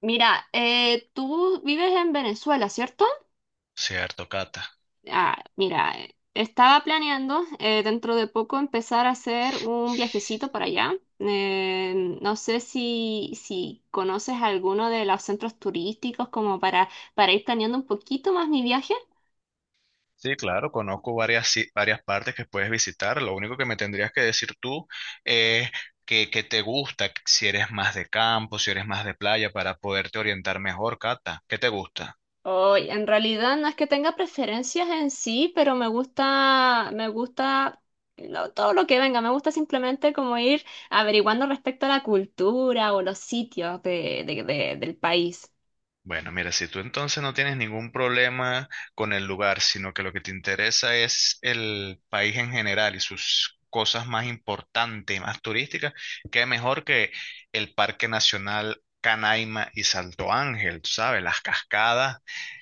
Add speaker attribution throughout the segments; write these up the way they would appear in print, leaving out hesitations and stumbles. Speaker 1: Mira, tú vives en Venezuela, ¿cierto?
Speaker 2: Cierto, Cata.
Speaker 1: Ah, mira, estaba planeando dentro de poco empezar a hacer un viajecito para allá. No sé si conoces alguno de los centros turísticos como para ir planeando un poquito más mi viaje.
Speaker 2: Sí, claro, conozco varias, varias partes que puedes visitar. Lo único que me tendrías que decir tú es que te gusta, si eres más de campo, si eres más de playa, para poderte orientar mejor, Cata. ¿Qué te gusta?
Speaker 1: Oy, en realidad no es que tenga preferencias en sí, pero me gusta todo lo que venga. Me gusta simplemente como ir averiguando respecto a la cultura o los sitios del país.
Speaker 2: Bueno, mira, si tú entonces no tienes ningún problema con el lugar, sino que lo que te interesa es el país en general y sus cosas más importantes y más turísticas, qué mejor que el Parque Nacional Canaima y Salto Ángel, tú sabes, las cascadas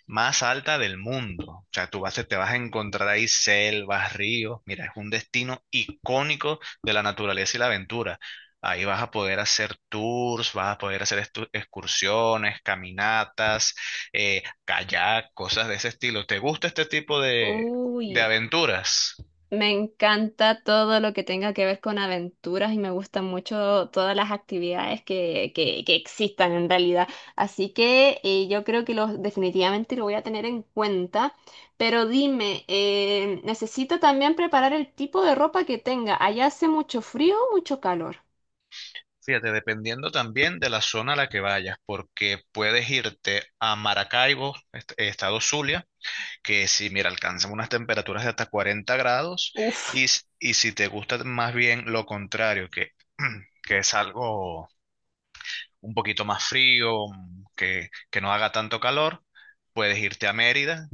Speaker 2: más altas del mundo. O sea, tú vas, te vas a encontrar ahí selvas, ríos. Mira, es un destino icónico de la naturaleza y la aventura. Ahí vas a poder hacer tours, vas a poder hacer excursiones, caminatas, kayak, cosas de ese estilo. ¿Te gusta este tipo de
Speaker 1: Uy.
Speaker 2: aventuras?
Speaker 1: Me encanta todo lo que tenga que ver con aventuras y me gustan mucho todas las actividades que existan en realidad. Así que yo creo que definitivamente lo voy a tener en cuenta. Pero dime, necesito también preparar el tipo de ropa que tenga. ¿Allá hace mucho frío o mucho calor?
Speaker 2: Fíjate, dependiendo también de la zona a la que vayas, porque puedes irte a Maracaibo, estado Zulia, que si, mira, alcanzan unas temperaturas de hasta 40 grados,
Speaker 1: Uf,
Speaker 2: y, y si te gusta más bien lo contrario, que, que es algo un poquito más frío, que no haga tanto calor, puedes irte a Mérida,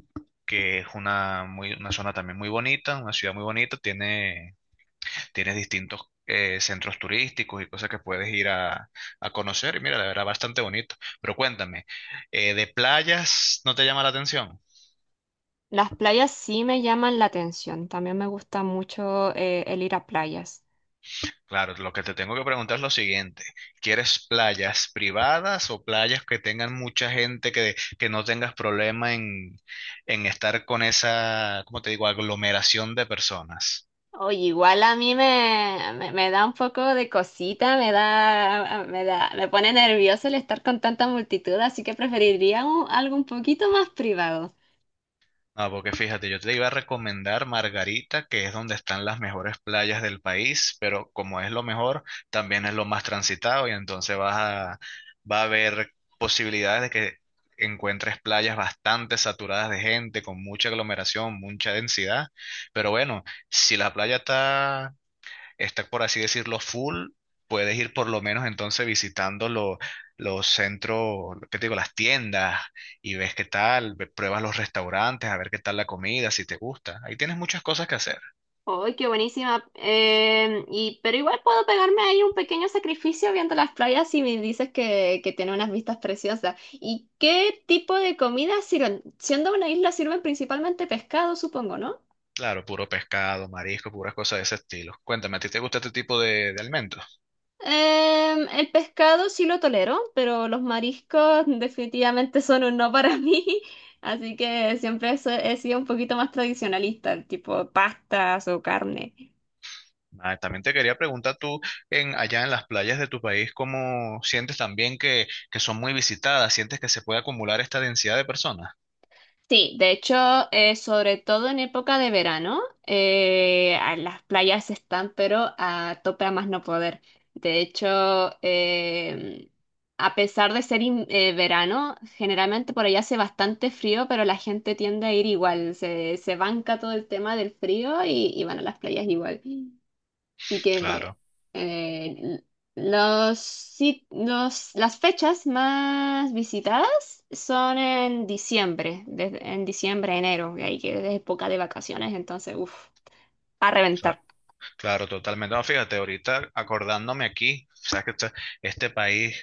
Speaker 2: que es una, muy, una zona también muy bonita, una ciudad muy bonita, tiene distintos centros turísticos y cosas que puedes ir a conocer, y mira, la verdad, bastante bonito. Pero cuéntame, ¿de playas no te llama la atención?
Speaker 1: las playas sí me llaman la atención. También me gusta mucho el ir a playas.
Speaker 2: Claro, lo que te tengo que preguntar es lo siguiente. ¿Quieres playas privadas o playas que tengan mucha gente que no tengas problema en estar con esa, ¿cómo te digo?, aglomeración de personas?
Speaker 1: Oye, igual a mí me da un poco de cosita, me pone nervioso el estar con tanta multitud, así que preferiría algo un poquito más privado.
Speaker 2: Ah, porque fíjate, yo te iba a recomendar Margarita, que es donde están las mejores playas del país, pero como es lo mejor, también es lo más transitado y entonces va a haber posibilidades de que encuentres playas bastante saturadas de gente, con mucha aglomeración, mucha densidad. Pero bueno, si la playa está, por así decirlo, full, puedes ir por lo menos entonces visitando los centros, ¿qué te digo? Las tiendas y ves qué tal, pruebas los restaurantes, a ver qué tal la comida, si te gusta. Ahí tienes muchas cosas que hacer.
Speaker 1: ¡Ay, qué buenísima! Y, pero igual puedo pegarme ahí un pequeño sacrificio viendo las playas si me dices que tiene unas vistas preciosas. ¿Y qué tipo de comida sirven? Siendo una isla sirven principalmente pescado, supongo, ¿no?
Speaker 2: Claro, puro pescado, marisco, puras cosas de ese estilo. Cuéntame, ¿a ti te gusta este tipo de alimentos?
Speaker 1: El pescado sí lo tolero, pero los mariscos definitivamente son un no para mí. Así que siempre he sido un poquito más tradicionalista, tipo pastas o carne.
Speaker 2: Ah, también te quería preguntar tú, en, allá en las playas de tu país, ¿cómo sientes también que son muy visitadas? ¿Sientes que se puede acumular esta densidad de personas?
Speaker 1: Sí, de hecho, sobre todo en época de verano, a las playas están, pero a tope a más no poder. De hecho, eh, a pesar de ser verano, generalmente por allá hace bastante frío, pero la gente tiende a ir igual, se banca todo el tema del frío y van a las playas igual. Así que
Speaker 2: Claro.
Speaker 1: eh, las fechas más visitadas son en diciembre, en diciembre, enero, que ahí que es época de vacaciones, entonces, uff, a
Speaker 2: Claro.
Speaker 1: reventar.
Speaker 2: Claro, totalmente. No, fíjate, ahorita acordándome aquí, sabes que este país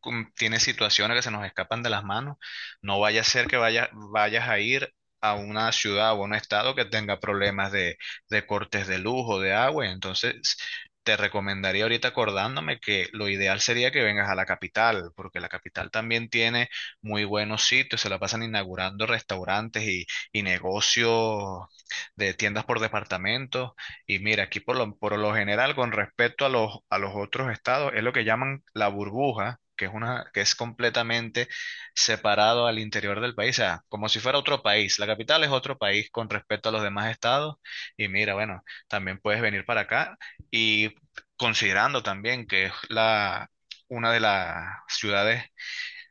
Speaker 2: tiene situaciones que se nos escapan de las manos. No vaya a ser que vayas a ir a una ciudad o a un estado que tenga problemas de cortes de luz o de agua. Entonces, te recomendaría ahorita acordándome que lo ideal sería que vengas a la capital, porque la capital también tiene muy buenos sitios, se la pasan inaugurando restaurantes y negocios de tiendas por departamento. Y mira, aquí por lo general, con respecto a los otros estados, es lo que llaman la burbuja, que es una, que es completamente separado al interior del país, o sea, como si fuera otro país. La capital es otro país con respecto a los demás estados. Y mira, bueno, también puedes venir para acá. Y considerando también que es la, una de las ciudades,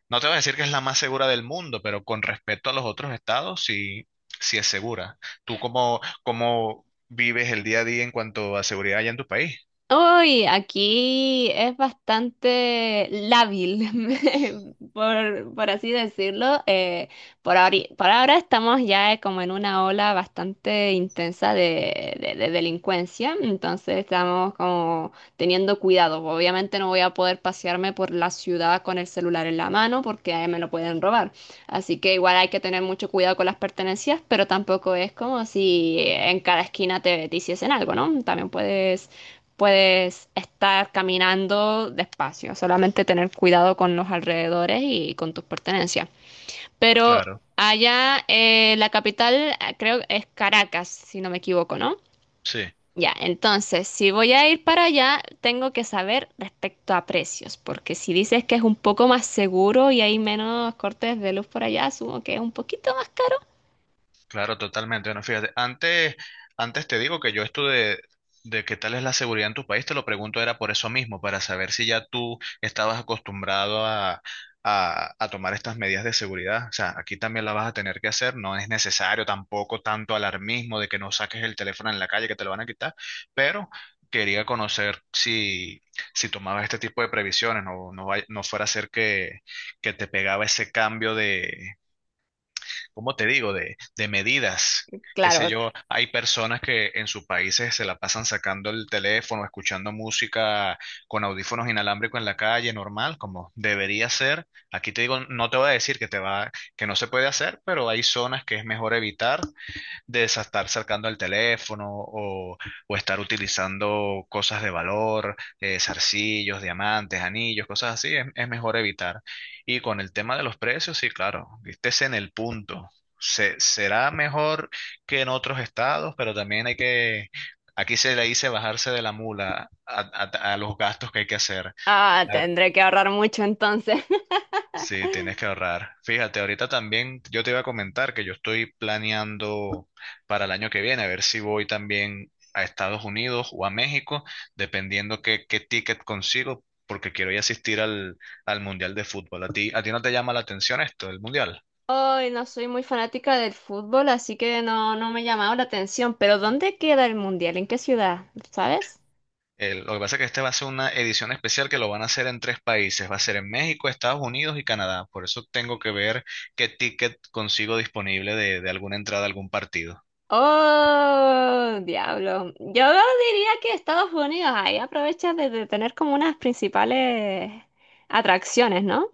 Speaker 2: no te voy a decir que es la más segura del mundo, pero con respecto a los otros estados, sí, sí es segura. ¿Tú cómo, cómo vives el día a día en cuanto a seguridad allá en tu país?
Speaker 1: Uy, aquí es bastante lábil, por así decirlo. Por ahora estamos ya como en una ola bastante intensa de, de delincuencia, entonces estamos como teniendo cuidado. Obviamente no voy a poder pasearme por la ciudad con el celular en la mano porque ahí me lo pueden robar. Así que igual hay que tener mucho cuidado con las pertenencias, pero tampoco es como si en cada esquina te hiciesen algo, ¿no? También puedes estar caminando despacio, solamente tener cuidado con los alrededores y con tus pertenencias. Pero
Speaker 2: Claro,
Speaker 1: allá la capital creo es Caracas, si no me equivoco, ¿no?
Speaker 2: sí.
Speaker 1: Ya, entonces, si voy a ir para allá, tengo que saber respecto a precios, porque si dices que es un poco más seguro y hay menos cortes de luz por allá, asumo que es un poquito más caro.
Speaker 2: Claro, totalmente. Bueno, fíjate, antes te digo que yo esto de qué tal es la seguridad en tu país, te lo pregunto era por eso mismo, para saber si ya tú estabas acostumbrado a tomar estas medidas de seguridad. O sea, aquí también la vas a tener que hacer, no es necesario tampoco tanto alarmismo de que no saques el teléfono en la calle, que te lo van a quitar, pero quería conocer si, si tomabas este tipo de previsiones, no, no, no fuera a ser que te pegaba ese cambio de... ¿cómo te digo?, de medidas. Qué
Speaker 1: Claro,
Speaker 2: sé yo, hay personas que en sus países se la pasan sacando el teléfono, escuchando música con audífonos inalámbricos en la calle, normal, como debería ser. Aquí te digo, no te voy a decir que te va, que no se puede hacer, pero hay zonas que es mejor evitar estar cercando el teléfono o estar utilizando cosas de valor, zarcillos, diamantes, anillos, cosas así, es mejor evitar. Y con el tema de los precios, sí, claro, estés en el punto. Será mejor que en otros estados, pero también hay que, aquí se le dice bajarse de la mula a los gastos que hay que hacer.
Speaker 1: ah, tendré que ahorrar mucho entonces.
Speaker 2: Sí, tienes que ahorrar. Fíjate, ahorita también yo te iba a comentar que yo estoy planeando para el año que viene, a ver si voy también a Estados Unidos o a México, dependiendo qué, qué ticket consigo, porque quiero ir a asistir al Mundial de Fútbol. A ti no te llama la atención esto, el Mundial?
Speaker 1: Hoy no soy muy fanática del fútbol, así que no, no me ha llamado la atención. Pero ¿dónde queda el mundial? ¿En qué ciudad? ¿Sabes?
Speaker 2: Lo que pasa es que este va a ser una edición especial que lo van a hacer en tres países. Va a ser en México, Estados Unidos y Canadá. Por eso tengo que ver qué ticket consigo disponible de alguna entrada a algún partido.
Speaker 1: Oh, diablo. Yo diría que Estados Unidos ahí aprovecha de tener como unas principales atracciones, ¿no?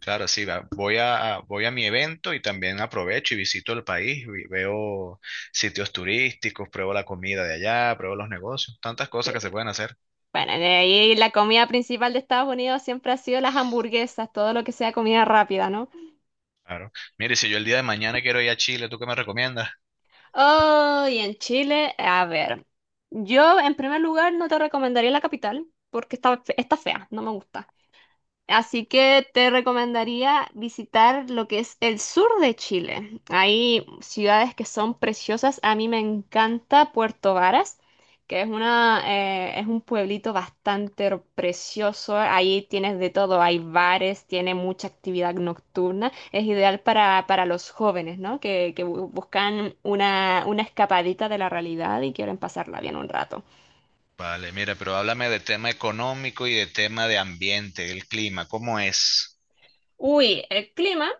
Speaker 2: Claro, sí, voy voy a mi evento y también aprovecho y visito el país, veo sitios turísticos, pruebo la comida de allá, pruebo los negocios, tantas
Speaker 1: Sí.
Speaker 2: cosas que se pueden hacer.
Speaker 1: Bueno, de ahí la comida principal de Estados Unidos siempre ha sido las hamburguesas, todo lo que sea comida rápida, no.
Speaker 2: Claro. Mire, si yo el día de mañana quiero ir a Chile, ¿tú qué me recomiendas?
Speaker 1: Oh, y en Chile, a ver, yo en primer lugar no te recomendaría la capital porque está, está fea, no me gusta. Así que te recomendaría visitar lo que es el sur de Chile. Hay ciudades que son preciosas. A mí me encanta Puerto Varas, que es una, es un pueblito bastante precioso. Ahí tienes de todo. Hay bares, tiene mucha actividad nocturna. Es ideal para los jóvenes, ¿no? Que buscan una escapadita de la realidad y quieren pasarla bien un rato.
Speaker 2: Vale, mira, pero háblame de tema económico y de tema de ambiente, el clima, ¿cómo es?
Speaker 1: Uy, el clima.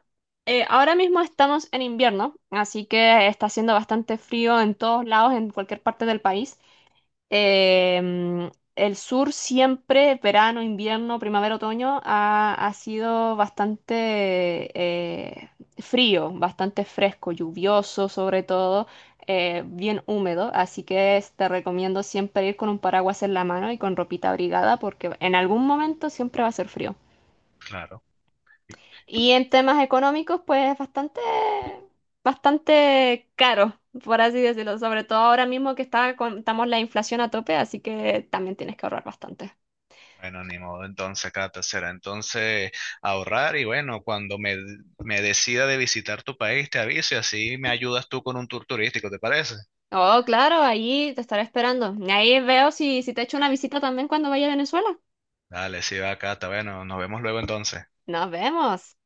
Speaker 1: Ahora mismo estamos en invierno, así que está haciendo bastante frío en todos lados, en cualquier parte del país. Eh, mm, el sur siempre, verano, invierno, primavera, otoño, ha sido bastante frío, bastante fresco, lluvioso sobre todo, bien húmedo. Así que te recomiendo siempre ir con un paraguas en la mano y con ropita abrigada, porque en algún momento siempre va a ser frío.
Speaker 2: Claro.
Speaker 1: Y en temas económicos, pues es bastante, bastante caro, por así decirlo. Sobre todo ahora mismo que está, estamos la inflación a tope, así que también tienes que ahorrar bastante.
Speaker 2: Bueno, ni modo, entonces, Cata, será entonces ahorrar y bueno, cuando me decida de visitar tu país, te aviso y así me ayudas tú con un tour turístico, ¿te parece?
Speaker 1: Oh, claro, ahí te estaré esperando. Y ahí veo si te echo una visita también cuando vaya a Venezuela.
Speaker 2: Dale, sí, va, Cata. Bueno, nos vemos luego entonces.
Speaker 1: Nos vemos.